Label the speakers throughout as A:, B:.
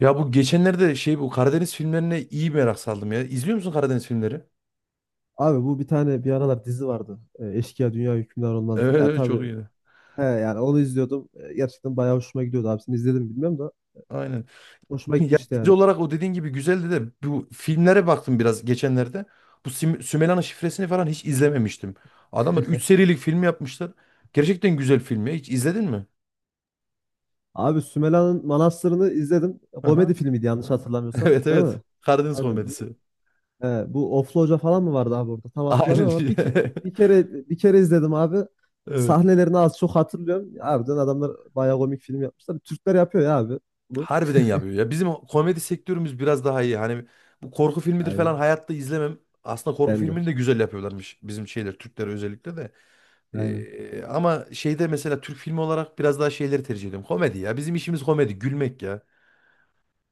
A: Ya bu geçenlerde bu Karadeniz filmlerine iyi merak saldım ya. İzliyor musun Karadeniz filmleri?
B: Abi bu bir tane bir aralar dizi vardı. Eşkıya Dünya Hükümdar Olmaz
A: Evet
B: diye. Ya
A: evet çok
B: tabii
A: iyiydi.
B: he, yani onu izliyordum. Gerçekten bayağı hoşuma gidiyordu, abisini izledim mi bilmiyorum da
A: Aynen.
B: hoşuma
A: Ya
B: gitmişti
A: dizi
B: yani.
A: olarak o dediğin gibi güzeldi de bu filmlere baktım biraz geçenlerde. Bu Sümeyla'nın şifresini falan hiç izlememiştim. Adamlar 3 serilik film yapmışlar. Gerçekten güzel film ya. Hiç izledin mi?
B: Abi Sümela'nın Manastırı'nı izledim.
A: Aha.
B: Komedi filmiydi yanlış hatırlamıyorsam,
A: Evet
B: değil
A: evet.
B: mi?
A: Karadeniz
B: Aynen. Bu,
A: komedisi.
B: he, bu Oflu Hoca falan mı vardı abi orada? Tam
A: Aynen.
B: hatırlamıyorum ama bir, ke- bir kere bir kere izledim abi.
A: Evet.
B: Sahnelerini az çok hatırlıyorum. Harbiden adamlar bayağı komik film yapmışlar. Türkler yapıyor ya abi bunu.
A: Harbiden yapıyor ya. Bizim komedi sektörümüz biraz daha iyi. Hani bu korku filmidir falan
B: Aynen.
A: hayatta izlemem. Aslında korku
B: Ben de.
A: filmini de güzel yapıyorlarmış bizim Türkler özellikle de.
B: Aynen.
A: Ama mesela Türk filmi olarak biraz daha tercih ediyorum. Komedi ya. Bizim işimiz komedi, gülmek ya.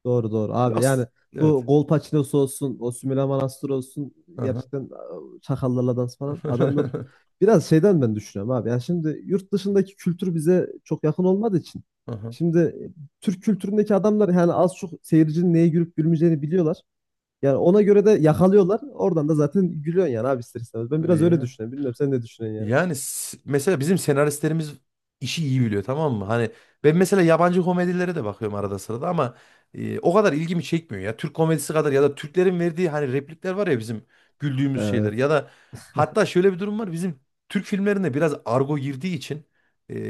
B: Doğru doğru abi,
A: Yok.
B: yani bu
A: Evet.
B: Golpaçinos olsun, o Sümela Manastır olsun,
A: Aha.
B: gerçekten Çakallarla dans falan adamlar biraz şeyden ben düşünüyorum abi. Yani şimdi yurt dışındaki kültür bize çok yakın olmadığı için
A: Aha.
B: şimdi Türk kültüründeki adamlar yani az çok seyircinin neye gülüp gülmeyeceğini biliyorlar. Yani ona göre de yakalıyorlar. Oradan da zaten gülüyorsun yani abi, ister istemez. Ben biraz öyle
A: İyi.
B: düşünüyorum. Bilmiyorum sen ne düşünüyorsun yani.
A: Mesela bizim senaristlerimiz işi iyi biliyor, tamam mı? Hani ben mesela yabancı komedilere de bakıyorum arada sırada ama o kadar ilgimi çekmiyor ya. Türk komedisi kadar ya da Türklerin verdiği hani replikler var ya bizim güldüğümüz şeyler
B: Evet.
A: ya da hatta şöyle bir durum var. Bizim Türk filmlerinde biraz argo girdiği için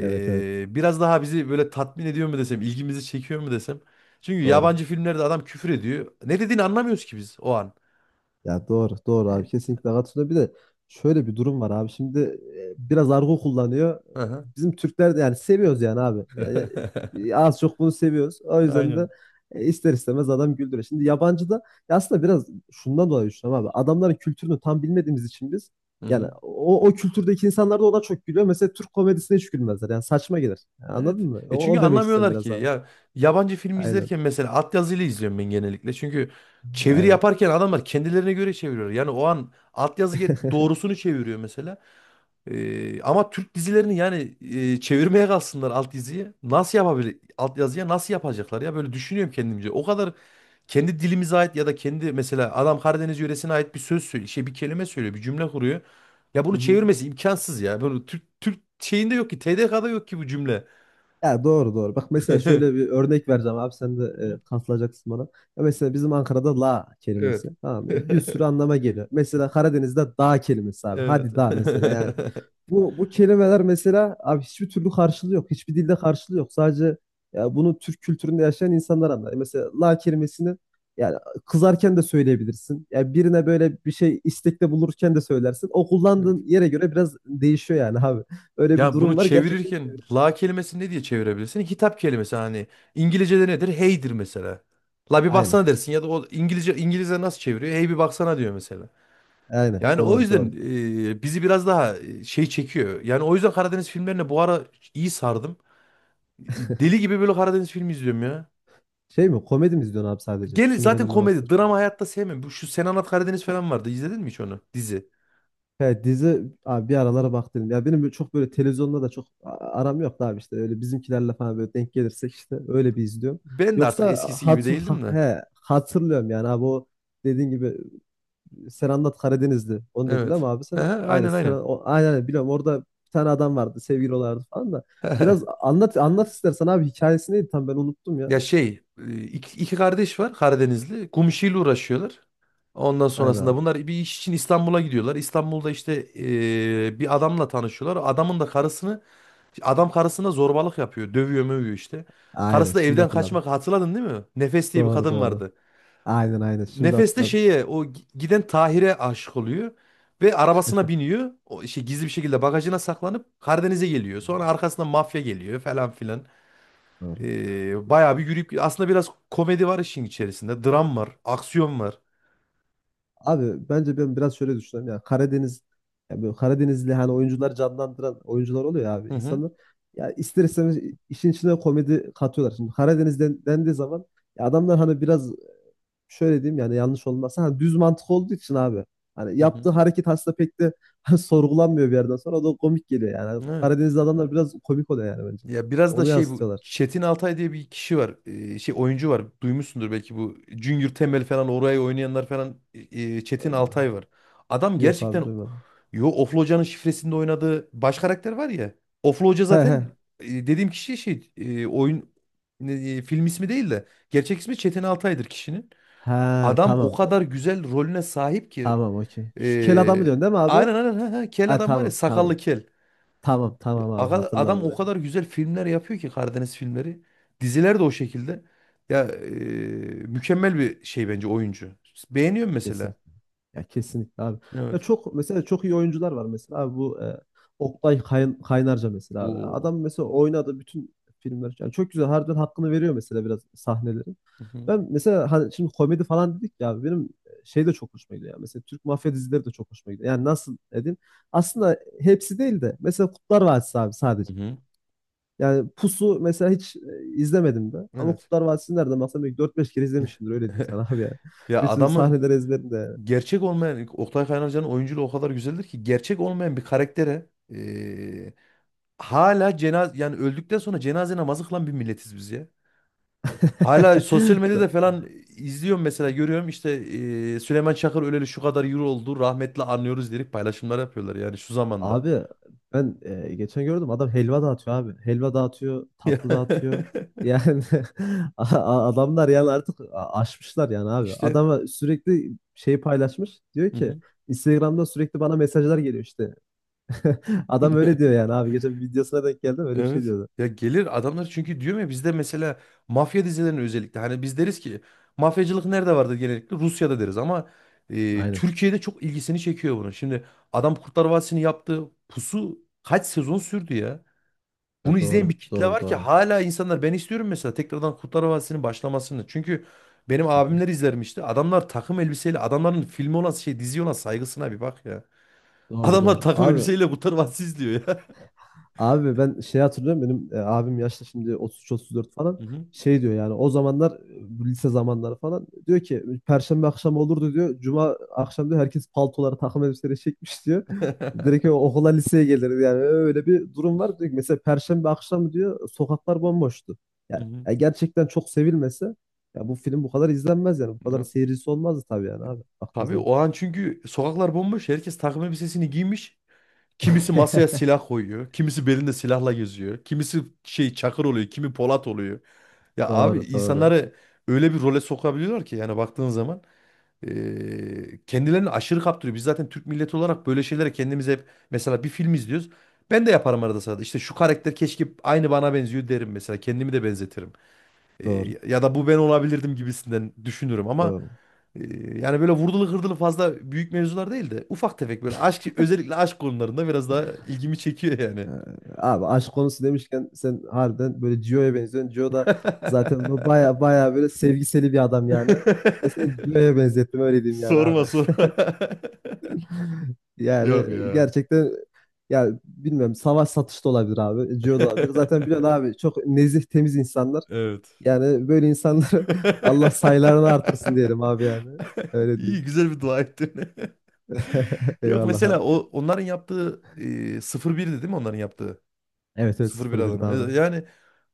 B: Evet evet.
A: biraz daha bizi böyle tatmin ediyor mu desem, ilgimizi çekiyor mu desem. Çünkü
B: Doğru.
A: yabancı filmlerde adam küfür ediyor. Ne dediğini anlamıyoruz ki biz o an.
B: Ya doğru, doğru abi,
A: E,
B: kesinlikle katılıyorum. Bir de şöyle bir durum var abi. Şimdi biraz argo kullanıyor.
A: Aha.
B: Bizim Türkler de yani seviyoruz yani abi. Yani az çok bunu seviyoruz. O yüzden de
A: Aynen.
B: ister istemez adam güldürüyor. Şimdi yabancı da ya aslında biraz şundan dolayı düşünüyorum abi. Adamların kültürünü tam bilmediğimiz için biz, yani o kültürdeki insanlar da ona çok gülüyor. Mesela Türk komedisine hiç gülmezler. Yani saçma gelir. Yani
A: Evet.
B: anladın mı?
A: E
B: O,
A: çünkü
B: o demek istiyorum
A: anlamıyorlar ki.
B: biraz abi.
A: Ya yabancı film
B: Aynen,
A: izlerken mesela altyazıyla izliyorum ben genellikle. Çünkü çeviri
B: aynen.
A: yaparken adamlar kendilerine göre çeviriyor. Yani o an doğrusunu çeviriyor mesela. Ama Türk dizilerini yani çevirmeye kalsınlar alt diziyi. Nasıl yapabilir? Altyazıya nasıl yapacaklar ya? Böyle düşünüyorum kendimce. O kadar kendi dilimize ait ya da kendi mesela adam Karadeniz yöresine ait bir söz söylüyor, bir kelime söylüyor, bir cümle kuruyor. Ya bunu çevirmesi imkansız ya. Bunu Türk şeyinde yok ki, TDK'da yok ki bu cümle.
B: Ya doğru doğru. Bak mesela şöyle bir örnek vereceğim abi, sen de katılacaksın bana. Ya mesela bizim Ankara'da la kelimesi
A: Evet.
B: tamam mı? Bir sürü anlama geliyor. Mesela Karadeniz'de dağ kelimesi abi.
A: Evet.
B: Hadi dağ mesela yani. Bu kelimeler mesela abi, hiçbir türlü karşılığı yok. Hiçbir dilde karşılığı yok. Sadece ya bunu Türk kültüründe yaşayan insanlar anlar. Mesela la kelimesini yani kızarken de söyleyebilirsin. Ya birine böyle bir şey istekte bulurken de söylersin. O
A: Evet.
B: kullandığın yere göre biraz değişiyor yani abi. Öyle bir
A: Ya bunu
B: durum var gerçekten.
A: çevirirken la kelimesini ne diye çevirebilirsin? Hitap kelimesi hani İngilizce'de nedir? Hey'dir mesela. La bir
B: Aynen.
A: baksana dersin ya da o İngilizce nasıl çeviriyor? Hey bir baksana diyor mesela.
B: Aynen.
A: Yani o
B: Doğru
A: yüzden
B: doğru.
A: bizi biraz daha çekiyor. Yani o yüzden Karadeniz filmlerine bu ara iyi sardım. Deli gibi böyle Karadeniz filmi izliyorum ya.
B: Şey mi? Komedi mi izliyorsun abi sadece?
A: Gel zaten
B: Sümelenin
A: komedi,
B: Manastırı falan.
A: drama hayatta sevmem. Şu Sen Anlat Karadeniz falan vardı. İzledin mi hiç onu? Dizi.
B: He, dizi abi, bir aralara bak dedim. Ya benim böyle çok böyle televizyonda da çok aram yok da abi, işte öyle bizimkilerle falan böyle denk gelirsek işte öyle bir izliyorum.
A: Ben de artık
B: Yoksa
A: eskisi gibi
B: hat ha-
A: değildim de.
B: he, hatırlıyorum yani abi, o dediğin gibi sen anlat Karadenizli. Onu dedin değil mi
A: Evet.
B: abi
A: Hı
B: sen?
A: hı,
B: Aynen
A: aynen
B: sen
A: aynen.
B: o, aynen aynen, biliyorum orada bir tane adam vardı, sevgili olardı falan da. Biraz anlat anlat istersen abi, hikayesi neydi tam ben unuttum ya.
A: Ya iki kardeş var Karadenizli. Kum işiyle uğraşıyorlar. Ondan
B: Aynen
A: sonrasında
B: abi.
A: bunlar bir iş için İstanbul'a gidiyorlar. İstanbul'da işte bir adamla tanışıyorlar. Adamın da karısını Adam karısına zorbalık yapıyor. Dövüyor mövüyor işte.
B: Aynen
A: Karısı da
B: şimdi
A: evden
B: hatırladım.
A: kaçmak, hatırladın değil mi? Nefes diye bir
B: Doğru
A: kadın
B: doğru.
A: vardı.
B: Aynen aynen. Şimdi
A: Nefeste
B: hatırladım.
A: şeye o giden Tahir'e aşık oluyor ve arabasına biniyor. O şey Gizli bir şekilde bagajına saklanıp Karadeniz'e geliyor. Sonra arkasından mafya geliyor falan filan.
B: Doğru.
A: Bayağı bir yürüyüp aslında biraz komedi var işin içerisinde. Dram var, aksiyon var.
B: Abi bence ben biraz şöyle düşünüyorum ya, Karadeniz, ya böyle Karadenizli hani oyuncular, canlandıran oyuncular oluyor ya abi,
A: Hı hı.
B: insanlar ya ister istemez işin içine komedi katıyorlar. Şimdi Karadeniz'den dendiği zaman ya adamlar hani biraz şöyle diyeyim yani, yanlış olmazsa, hani düz mantık olduğu için abi, hani
A: Hı
B: yaptığı
A: hı.
B: hareket aslında pek de sorgulanmıyor, bir yerden sonra o da komik geliyor yani. Hani
A: Evet.
B: Karadenizli adamlar biraz komik oluyor yani, bence.
A: Ya biraz da
B: Onu
A: bu
B: yansıtıyorlar.
A: Çetin Altay diye bir kişi var. Oyuncu var. Duymuşsundur belki bu Junior Temel falan oraya oynayanlar falan Çetin Altay var. Adam
B: Yok abi,
A: gerçekten,
B: duymadım.
A: Oflu Hoca'nın şifresinde oynadığı baş karakter var ya. Oflu Hoca
B: He he.
A: zaten dediğim kişi, film ismi değil de gerçek ismi Çetin Altay'dır kişinin.
B: He
A: Adam o
B: tamam.
A: kadar güzel rolüne sahip ki,
B: Tamam okey. Şu kel adamı
A: e,
B: diyorsun değil mi abi?
A: aynen aynen, ha, ha, kel
B: Ha,
A: adam var ya,
B: tamam
A: sakallı
B: tamam.
A: kel.
B: Tamam tamam abi,
A: Adam
B: hatırladım
A: o
B: yani.
A: kadar güzel filmler yapıyor ki Karadeniz filmleri. Diziler de o şekilde. Ya e, Mükemmel bir şey bence oyuncu. Beğeniyorum mesela.
B: Kesin. Ya kesinlikle abi. Ya
A: Evet.
B: çok mesela, çok iyi oyuncular var mesela abi, bu Oktay Kaynarca mesela abi.
A: Oo.
B: Adam mesela oynadı bütün filmler. Yani çok güzel, harbiden hakkını veriyor mesela, biraz sahnelerin.
A: Mhm.
B: Ben mesela hani şimdi komedi falan dedik ya, benim şey de çok hoşuma gidiyor ya. Mesela Türk mafya dizileri de çok hoşuma gidiyor. Yani nasıl dedim? Aslında hepsi değil de mesela Kurtlar Vadisi abi
A: Hı
B: sadece.
A: hı. Hı.
B: Yani Pusu mesela hiç izlemedim de. Ama
A: Evet.
B: Kurtlar Vadisi'ni nereden baksam belki dört beş kere izlemişimdir, öyle diyeyim sana abi yani.
A: Ya
B: Bütün
A: adamın
B: sahneleri ezberim de yani.
A: gerçek olmayan Oktay Kaynarca'nın oyunculuğu o kadar güzeldir ki gerçek olmayan bir karaktere, e, hala yani öldükten sonra cenaze namazı kılan bir milletiz biz ya. Hala sosyal medyada falan izliyorum mesela, görüyorum işte Süleyman Çakır öleli şu kadar euro oldu rahmetli, anlıyoruz diyerek paylaşımlar yapıyorlar yani şu zamanda.
B: Abi ben geçen gördüm, adam helva dağıtıyor abi. Helva dağıtıyor, tatlı dağıtıyor. Yani adamlar yani artık aşmışlar yani abi.
A: İşte
B: Adama sürekli şey paylaşmış. Diyor
A: hı
B: ki
A: hı.
B: Instagram'da sürekli bana mesajlar geliyor işte. Adam öyle diyor yani abi. Geçen bir videosuna denk geldim, öyle bir şey
A: Evet,
B: diyordu.
A: ya gelir adamlar çünkü diyorum ya, bizde mesela mafya dizilerinin özellikle, hani biz deriz ki mafyacılık nerede vardır, genellikle Rusya'da deriz ama
B: Aynen.
A: Türkiye'de çok ilgisini çekiyor bunu. Şimdi adam Kurtlar Vadisi'ni yaptı, pusu kaç sezon sürdü ya.
B: Ya
A: Bunu izleyen
B: doğru.
A: bir kitle
B: Doğru
A: var ki
B: doğru.
A: hala, insanlar ben istiyorum mesela tekrardan Kurtlar Vadisi'nin başlamasını. Çünkü benim abimler izlermişti. Adamlar takım elbiseyle, adamların filmi olan şey dizi olan saygısına bir bak ya.
B: Doğru
A: Adamlar
B: doğru.
A: takım
B: Abi
A: elbiseyle Kurtlar Vadisi izliyor ya.
B: abi ben şey hatırlıyorum, benim abim yaşta şimdi 33-34
A: Hı
B: falan,
A: hı.
B: şey diyor yani o zamanlar bu lise zamanları falan, diyor ki Perşembe akşamı olurdu diyor. Cuma akşam diyor, herkes paltoları takım elbiseleri çekmiş diyor. Direkt okula, liseye gelirdi yani, öyle bir durum var. Diyor ki, mesela Perşembe akşamı diyor sokaklar bomboştu.
A: Hı
B: Yani,
A: hı.
B: gerçekten çok sevilmese ya bu film bu kadar izlenmez yani, bu kadar
A: Ya,
B: seyircisi olmazdı tabii yani abi, baktığın
A: tabii
B: zaman.
A: o an çünkü sokaklar bomboş. Herkes takım elbisesini giymiş. Kimisi masaya silah koyuyor. Kimisi belinde silahla geziyor. Kimisi Çakır oluyor. Kimi Polat oluyor. Ya abi,
B: Doğru doğru
A: insanları öyle bir role sokabiliyorlar ki yani baktığın zaman. Kendilerini aşırı kaptırıyor. Biz zaten Türk milleti olarak böyle şeylere kendimiz hep, mesela bir film izliyoruz. Ben de yaparım arada sırada. İşte şu karakter keşke, aynı bana benziyor derim mesela. Kendimi de benzetirim.
B: doğru
A: Ya da bu ben olabilirdim gibisinden düşünürüm ama
B: doğru.
A: yani böyle vurdulu kırdılı fazla büyük mevzular değil de ufak tefek böyle aşk, özellikle aşk konularında biraz daha ilgimi çekiyor yani.
B: Ee, Abi aşk konusu demişken sen harbiden böyle Gio'ya benziyorsun. Gio da zaten bu baya baya böyle sevgiseli bir adam yani. Ben seni Gio'ya benzettim, öyle diyeyim yani abi.
A: Sorma sorma.
B: Yani
A: Yok ya.
B: gerçekten, yani bilmiyorum, savaş satış da olabilir abi. Gio da olabilir. Zaten biliyorsun abi, çok nezih temiz insanlar.
A: Evet.
B: Yani böyle insanları Allah sayılarını artırsın diyelim abi yani. Öyle
A: İyi,
B: diyeyim.
A: güzel bir dua ettin. Yok,
B: Eyvallah
A: mesela o
B: abi.
A: onların yaptığı, 0-1'di değil mi onların yaptığı?
B: Evet evet,
A: Sıfır bir Adana.
B: 0-1'di
A: Mesela.
B: abi.
A: Yani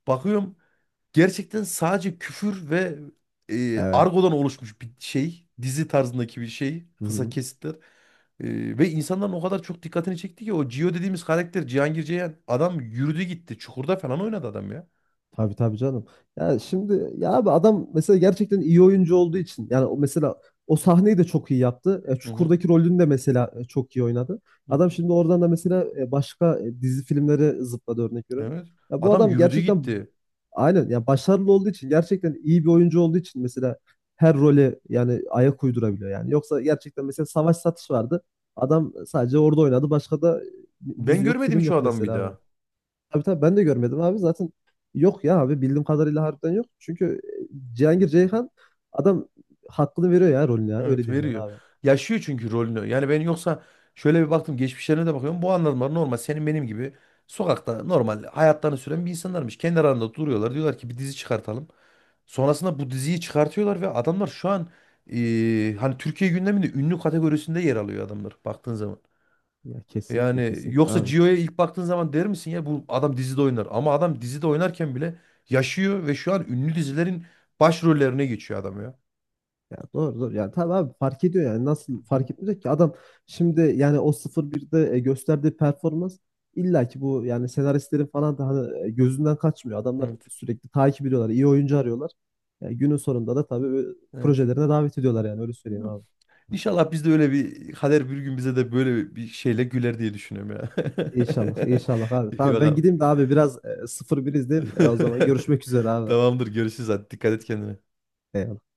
A: bakıyorum gerçekten sadece küfür ve
B: Evet.
A: argodan oluşmuş bir şey. Dizi tarzındaki bir şey.
B: Hı
A: Kısa
B: hı.
A: kesitler. Ve insanların o kadar çok dikkatini çekti ki o Gio dediğimiz karakter Cihangir Ceyhan, adam yürüdü gitti. Çukurda falan oynadı adam ya.
B: Tabii tabii canım. Ya şimdi ya abi, adam mesela gerçekten iyi oyuncu olduğu için, yani o mesela o sahneyi de çok iyi yaptı.
A: Hı hı.
B: Çukur'daki rolünü de mesela çok iyi oynadı.
A: Hı
B: Adam
A: hı.
B: şimdi oradan da mesela başka dizi filmleri zıpladı, örnek veriyorum.
A: Evet.
B: Ya bu
A: Adam
B: adam
A: yürüdü
B: gerçekten,
A: gitti.
B: aynen ya, başarılı olduğu için, gerçekten iyi bir oyuncu olduğu için mesela her role yani ayak uydurabiliyor yani. Yoksa gerçekten mesela Savaş Satış vardı. Adam sadece orada oynadı. Başka da
A: Ben
B: dizi yok,
A: görmedim
B: film
A: hiç o
B: yok
A: adamı
B: mesela
A: bir
B: abi.
A: daha.
B: Tabii tabii ben de görmedim abi. Zaten yok ya abi, bildiğim kadarıyla harbiden yok. Çünkü Cihangir Ceyhan adam hakkını veriyor ya rolüne ya. Öyle
A: Evet
B: diyeyim yani
A: veriyor.
B: abi.
A: Yaşıyor çünkü rolünü. Yani ben yoksa şöyle bir baktım, geçmişlerine de bakıyorum. Bu adamlar normal senin benim gibi sokakta normal hayatlarını süren bir insanlarmış. Kendi aralarında duruyorlar. Diyorlar ki bir dizi çıkartalım. Sonrasında bu diziyi çıkartıyorlar ve adamlar şu an hani Türkiye gündeminde ünlü kategorisinde yer alıyor adamlar baktığın zaman. Yani
B: Kesinlikle
A: yoksa
B: abi.
A: Gio'ya ilk baktığın zaman der misin ya bu adam dizide oynar. Ama adam dizide oynarken bile yaşıyor ve şu an ünlü dizilerin başrollerine geçiyor adam
B: Ya doğru doğru. Yani tabii abi, fark ediyor yani. Nasıl fark
A: ya.
B: etmeyecek ki? Adam şimdi yani o sıfır birde gösterdiği performans illa ki bu yani senaristlerin falan da hani gözünden kaçmıyor. Adamlar
A: Evet.
B: sürekli takip ediyorlar, iyi oyuncu arıyorlar. Yani günün sonunda da tabii böyle
A: Evet.
B: projelerine davet ediyorlar yani, öyle söyleyeyim abi.
A: İnşallah biz de, öyle bir kader bir gün bize de böyle bir şeyle güler diye düşünüyorum ya.
B: İnşallah, inşallah abi.
A: İyi
B: Tamam ben
A: bakalım.
B: gideyim de abi, biraz 0-1 izleyeyim. O zaman görüşmek üzere abi.
A: Tamamdır, görüşürüz, hadi dikkat et kendine.
B: E,